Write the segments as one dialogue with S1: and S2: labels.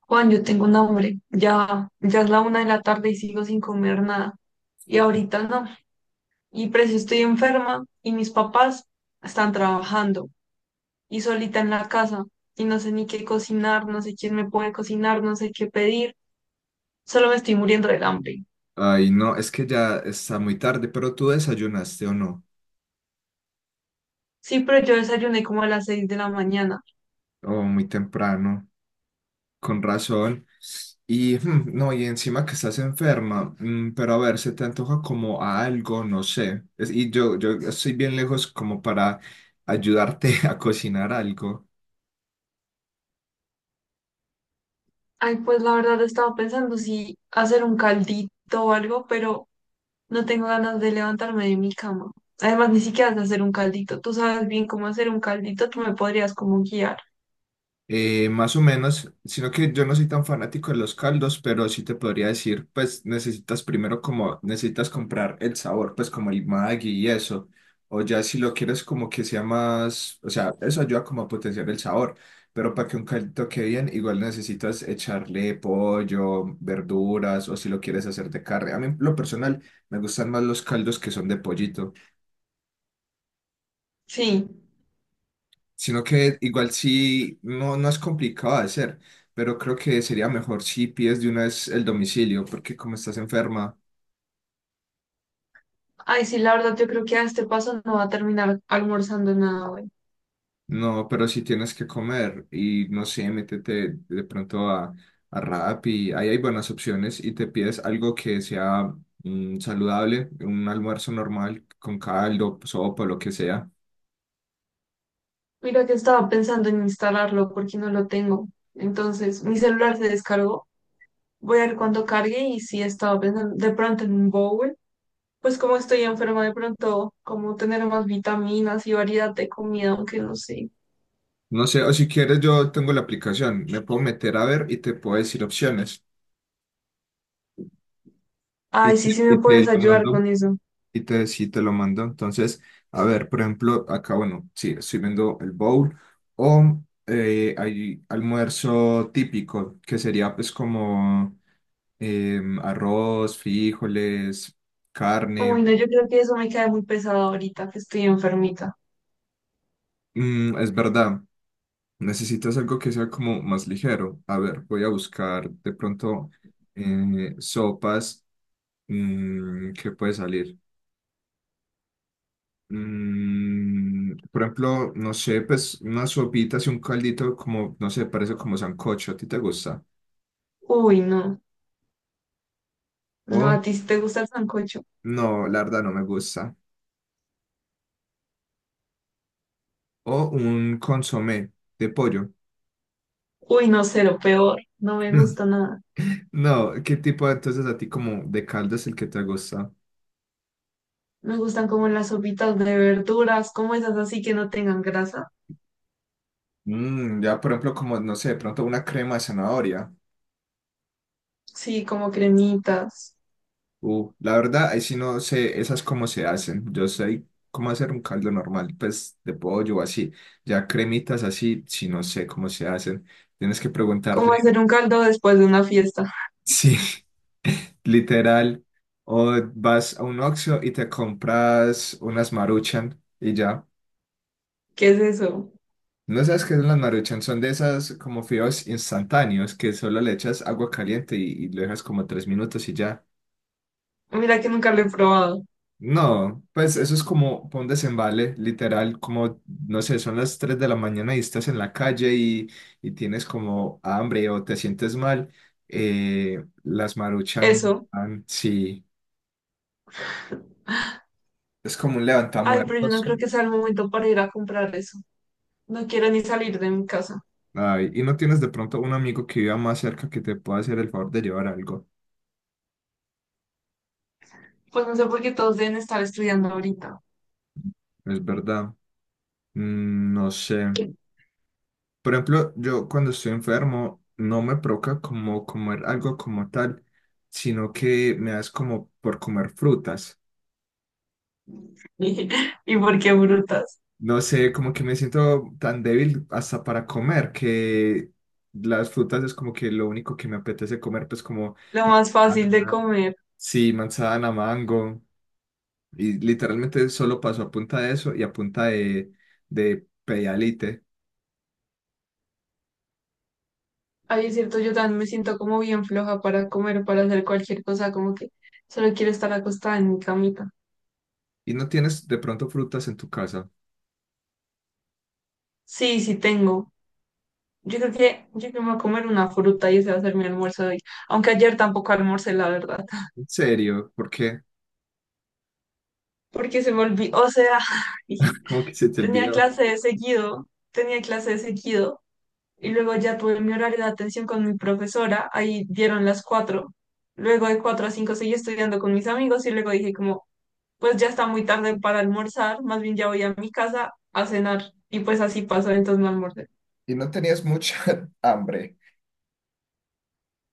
S1: Juan, yo tengo un hambre. Ya, ya es la una de la tarde y sigo sin comer nada. Y ahorita no. Y precio estoy enferma y mis papás están trabajando y solita en la casa. Y no sé ni qué cocinar, no sé quién me puede cocinar, no sé qué pedir. Solo me estoy muriendo del hambre.
S2: Ay, no, es que ya está muy tarde, pero tú desayunaste o no,
S1: Sí, pero yo desayuné como a las seis de la mañana.
S2: o muy temprano, con razón. Y no, y encima que estás enferma, pero a ver, se te antoja como a algo, no sé. Yo estoy bien lejos como para ayudarte a cocinar algo.
S1: Ay, pues la verdad estaba pensando si hacer un caldito o algo, pero no tengo ganas de levantarme de mi cama. Además, ni siquiera sé hacer un caldito. Tú sabes bien cómo hacer un caldito, tú me podrías como guiar.
S2: Más o menos, sino que yo no soy tan fanático de los caldos, pero sí te podría decir, pues necesitas primero como, necesitas comprar el sabor, pues como el Maggi y eso, o ya si lo quieres como que sea más, o sea, eso ayuda como a potenciar el sabor, pero para que un caldito quede bien, igual necesitas echarle pollo, verduras, o si lo quieres hacer de carne. A mí, en lo personal, me gustan más los caldos que son de pollito.
S1: Sí.
S2: Sino que igual sí, no, no es complicado de hacer, pero creo que sería mejor si pides de una vez el domicilio, porque como estás enferma,
S1: Ay, sí, la verdad, yo creo que a este paso no va a terminar almorzando nada hoy.
S2: no, pero si tienes que comer y no sé, métete de pronto a Rappi, ahí hay buenas opciones y te pides algo que sea saludable, un almuerzo normal con caldo, sopa, lo que sea.
S1: Mira que estaba pensando en instalarlo porque no lo tengo. Entonces, mi celular se descargó. Voy a ver cuándo cargue y sí estaba pensando de pronto en un bowl. Pues como estoy enferma, de pronto como tener más vitaminas y variedad de comida, aunque no sé.
S2: No sé, o si quieres yo tengo la aplicación, me puedo meter a ver y te puedo decir opciones.
S1: Ay, sí, sí me
S2: Y te
S1: puedes
S2: lo
S1: ayudar
S2: mando
S1: con eso.
S2: Y te, Sí te lo mando. Entonces, a ver, por ejemplo, acá, bueno, sí, estoy viendo el bowl o hay almuerzo típico, que sería pues como arroz, frijoles, carne.
S1: Uy, no, yo creo que eso me cae muy pesado ahorita que estoy enfermita.
S2: Es verdad, necesitas algo que sea como más ligero. A ver, voy a buscar de pronto sopas. ¿Qué puede salir? Por ejemplo, no sé, pues unas sopitas y un caldito como, no sé, parece como sancocho, ¿a ti te gusta?
S1: Uy, no. No,
S2: O,
S1: ¿a ti sí te gusta el sancocho?
S2: no, la verdad no me gusta. O un consomé de pollo.
S1: Uy, no, cero, peor. No me gusta nada.
S2: No, ¿qué tipo entonces a ti como de caldo es el que te gusta?
S1: Me gustan como las sopitas de verduras, como esas así que no tengan grasa.
S2: Ya, por ejemplo, como, no sé, de pronto una crema de zanahoria.
S1: Sí, como cremitas.
S2: La verdad, ahí sí no sé, esas cómo se hacen. Yo sé cómo hacer un caldo normal, pues de pollo o así. Ya cremitas así, sí no sé cómo se hacen. Tienes que preguntarle,
S1: Como hacer un caldo después de una fiesta.
S2: sí, literal. O vas a un Oxxo y te compras unas Maruchan y ya.
S1: ¿Qué es eso?
S2: ¿No sabes qué son las Maruchan? Son de esas como fideos instantáneos que solo le echas agua caliente y lo dejas como 3 minutos y ya.
S1: Mira que nunca lo he probado.
S2: No, pues eso es como pa' un desembale, literal, como, no sé, son las 3 de la mañana y estás en la calle y tienes como hambre o te sientes mal, las maruchan,
S1: Eso.
S2: van, sí, es como un
S1: Ay, pero yo no
S2: levantamuertos.
S1: creo que sea el momento para ir a comprar eso. No quiero ni salir de mi casa.
S2: Ay, y no tienes de pronto un amigo que viva más cerca que te pueda hacer el favor de llevar algo,
S1: Pues no sé por qué todos deben estar estudiando ahorita.
S2: es verdad, no sé. Por ejemplo, yo cuando estoy enfermo no me provoca como comer algo como tal, sino que me das como por comer frutas.
S1: ¿Y por qué brutas?
S2: No sé, como que me siento tan débil hasta para comer que las frutas es como que lo único que me apetece comer, pues como,
S1: Lo más
S2: ah,
S1: fácil de comer.
S2: sí, manzana, mango, y literalmente solo paso a punta de eso y a punta de Pedialyte.
S1: Ay, es cierto, yo también me siento como bien floja para comer, para hacer cualquier cosa, como que solo quiero estar acostada en mi camita.
S2: Y no tienes de pronto frutas en tu casa.
S1: Sí, sí tengo. Yo creo que me voy a comer una fruta y ese va a ser mi almuerzo de hoy. Aunque ayer tampoco almorcé, la verdad.
S2: En serio, ¿por qué?
S1: Porque se me olvidó, o sea,
S2: Como que se te
S1: tenía
S2: olvidó.
S1: clase de seguido, tenía clase de seguido y luego ya tuve mi horario de atención con mi profesora, ahí dieron las cuatro. Luego de cuatro a cinco seguí estudiando con mis amigos y luego dije como, pues ya está muy tarde para almorzar, más bien ya voy a mi casa a cenar. Y pues así pasó, entonces no almorcé.
S2: Y no tenías mucha hambre.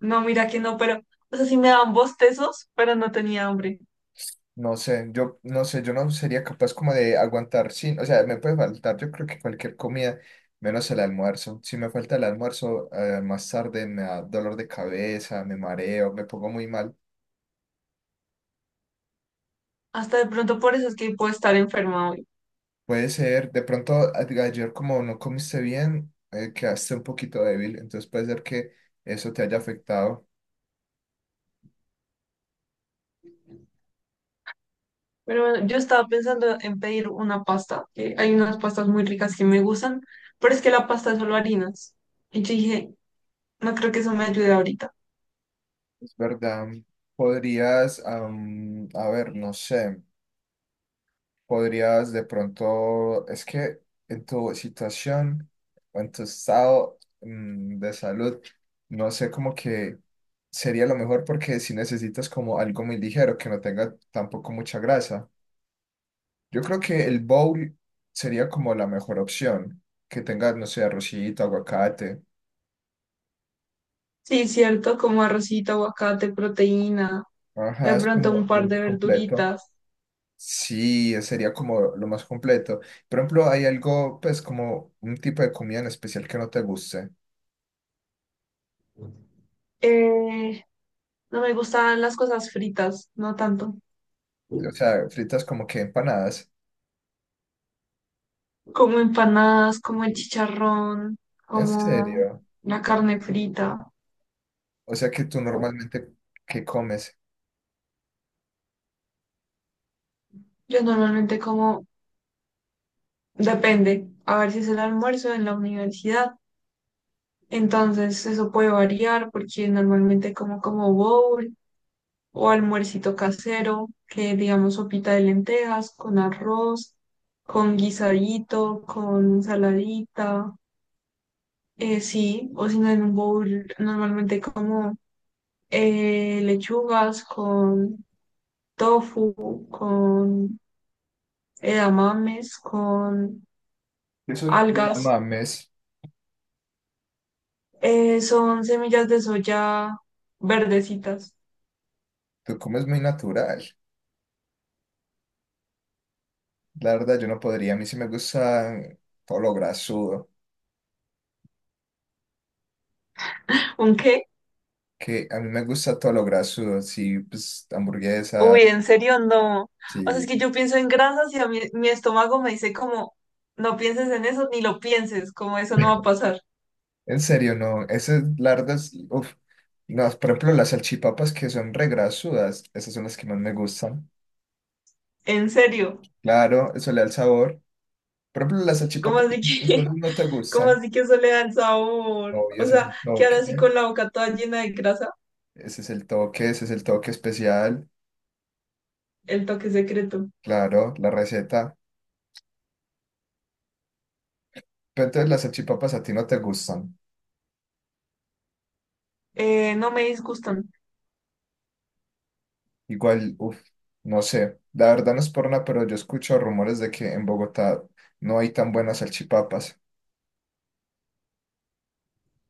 S1: No, mira que no, pero, o sea, sí me daban bostezos, pero no tenía hambre.
S2: No sé, yo no sé, yo no sería capaz como de aguantar sin, o sea, me puede faltar, yo creo que cualquier comida, menos el almuerzo. Si me falta el almuerzo, más tarde me da dolor de cabeza, me mareo, me pongo muy mal.
S1: Hasta de pronto por eso es que puedo estar enferma hoy.
S2: Puede ser, de pronto ayer como no comiste bien, quedaste un poquito débil, entonces puede ser que eso te haya afectado.
S1: Pero bueno, yo estaba pensando en pedir una pasta, que hay unas pastas muy ricas que me gustan, pero es que la pasta es solo harinas. Y yo dije, no creo que eso me ayude ahorita.
S2: Es verdad. Podrías, a ver, no sé. Podrías de pronto, es que en tu situación o en tu estado de salud, no sé como que sería lo mejor porque si necesitas como algo muy ligero que no tenga tampoco mucha grasa. Yo creo que el bowl sería como la mejor opción, que tenga, no sé, arrocito, aguacate.
S1: Sí, cierto, como arrocito, aguacate, proteína, de
S2: Ajá, es
S1: pronto
S2: como
S1: un
S2: lo
S1: par
S2: más
S1: de
S2: completo.
S1: verduritas.
S2: Sí, sería como lo más completo. Por ejemplo, ¿hay algo, pues, como un tipo de comida en especial que no te guste?
S1: Eh, no me gustan las cosas fritas, no tanto.
S2: O sea, fritas como que empanadas.
S1: Como empanadas, como el chicharrón,
S2: ¿En
S1: como
S2: serio?
S1: la carne frita.
S2: O sea que tú normalmente, ¿qué comes?
S1: Yo normalmente como, depende, a ver si es el almuerzo en la universidad. Entonces, eso puede variar porque normalmente como como bowl o almuercito casero, que digamos sopita de lentejas con arroz, con guisadito, con saladita, sí, o si no en un bowl normalmente como lechugas con tofu, con edamames, con
S2: Eso no la
S1: algas,
S2: mames.
S1: son semillas de soya verdecitas.
S2: Tú comes muy natural. La verdad, yo no podría. A mí sí me gusta todo lo grasudo.
S1: ¿Un qué?
S2: Que a mí me gusta todo lo grasudo. Sí, pues hamburguesas.
S1: Uy, en serio, no. O sea, es
S2: Sí.
S1: que yo pienso en grasas y a mí, mi estómago me dice como, no pienses en eso, ni lo pienses, como eso no va a pasar.
S2: En serio, no. Esas largas, uf. No, por ejemplo, las salchipapas que son regrasudas, esas son las que más me gustan.
S1: En serio.
S2: Claro, eso le da el sabor. Por ejemplo, las
S1: ¿Cómo
S2: salchipapas
S1: así que,
S2: incluso no te
S1: cómo
S2: gustan.
S1: así que eso le da el sabor?
S2: Obvio,
S1: O
S2: ese es
S1: sea,
S2: el
S1: que
S2: toque,
S1: ahora sí con la boca toda llena de grasa,
S2: ese es el toque, ese es el toque especial,
S1: el toque secreto.
S2: claro, la receta. Pero entonces las salchipapas a ti no te gustan.
S1: No me disgustan.
S2: Igual, uff, no sé, la verdad no es por nada, pero yo escucho rumores de que en Bogotá no hay tan buenas salchipapas.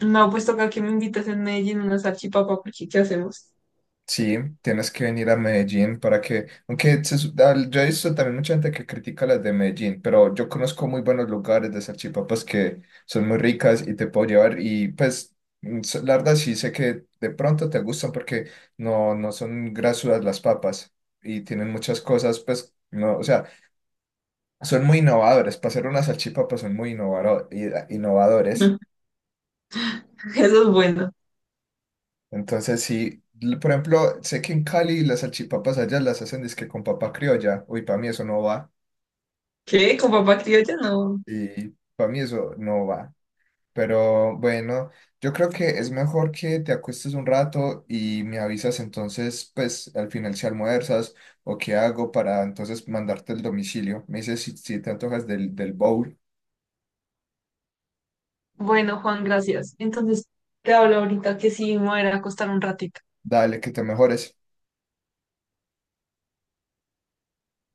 S1: No, pues toca que me invitas en Medellín unas salchipapa, porque ¿qué hacemos?
S2: Sí, tienes que venir a Medellín para que, aunque yo he visto también mucha gente que critica las de Medellín, pero yo conozco muy buenos lugares de salchipapas que son muy ricas y te puedo llevar y pues la verdad sí sé que de pronto te gustan porque no, no son grasudas las papas y tienen muchas cosas, pues no, o sea, son muy innovadores, para hacer unas salchipapas son muy innovadores.
S1: Mm, eso es bueno.
S2: Entonces, sí, por ejemplo, sé que en Cali las salchipapas allá las hacen dizque con papa criolla. Uy, para mí eso no va.
S1: ¿Qué? ¿Con papá criolla? No.
S2: Y para mí eso no va. Pero bueno, yo creo que es mejor que te acuestes un rato y me avisas entonces, pues al final si almuerzas o qué hago para entonces mandarte el domicilio. Me dices si, si te antojas del, del bowl.
S1: Bueno, Juan, gracias. Entonces, te hablo ahorita que sí me voy a ir a acostar un ratito.
S2: Dale, que te mejores.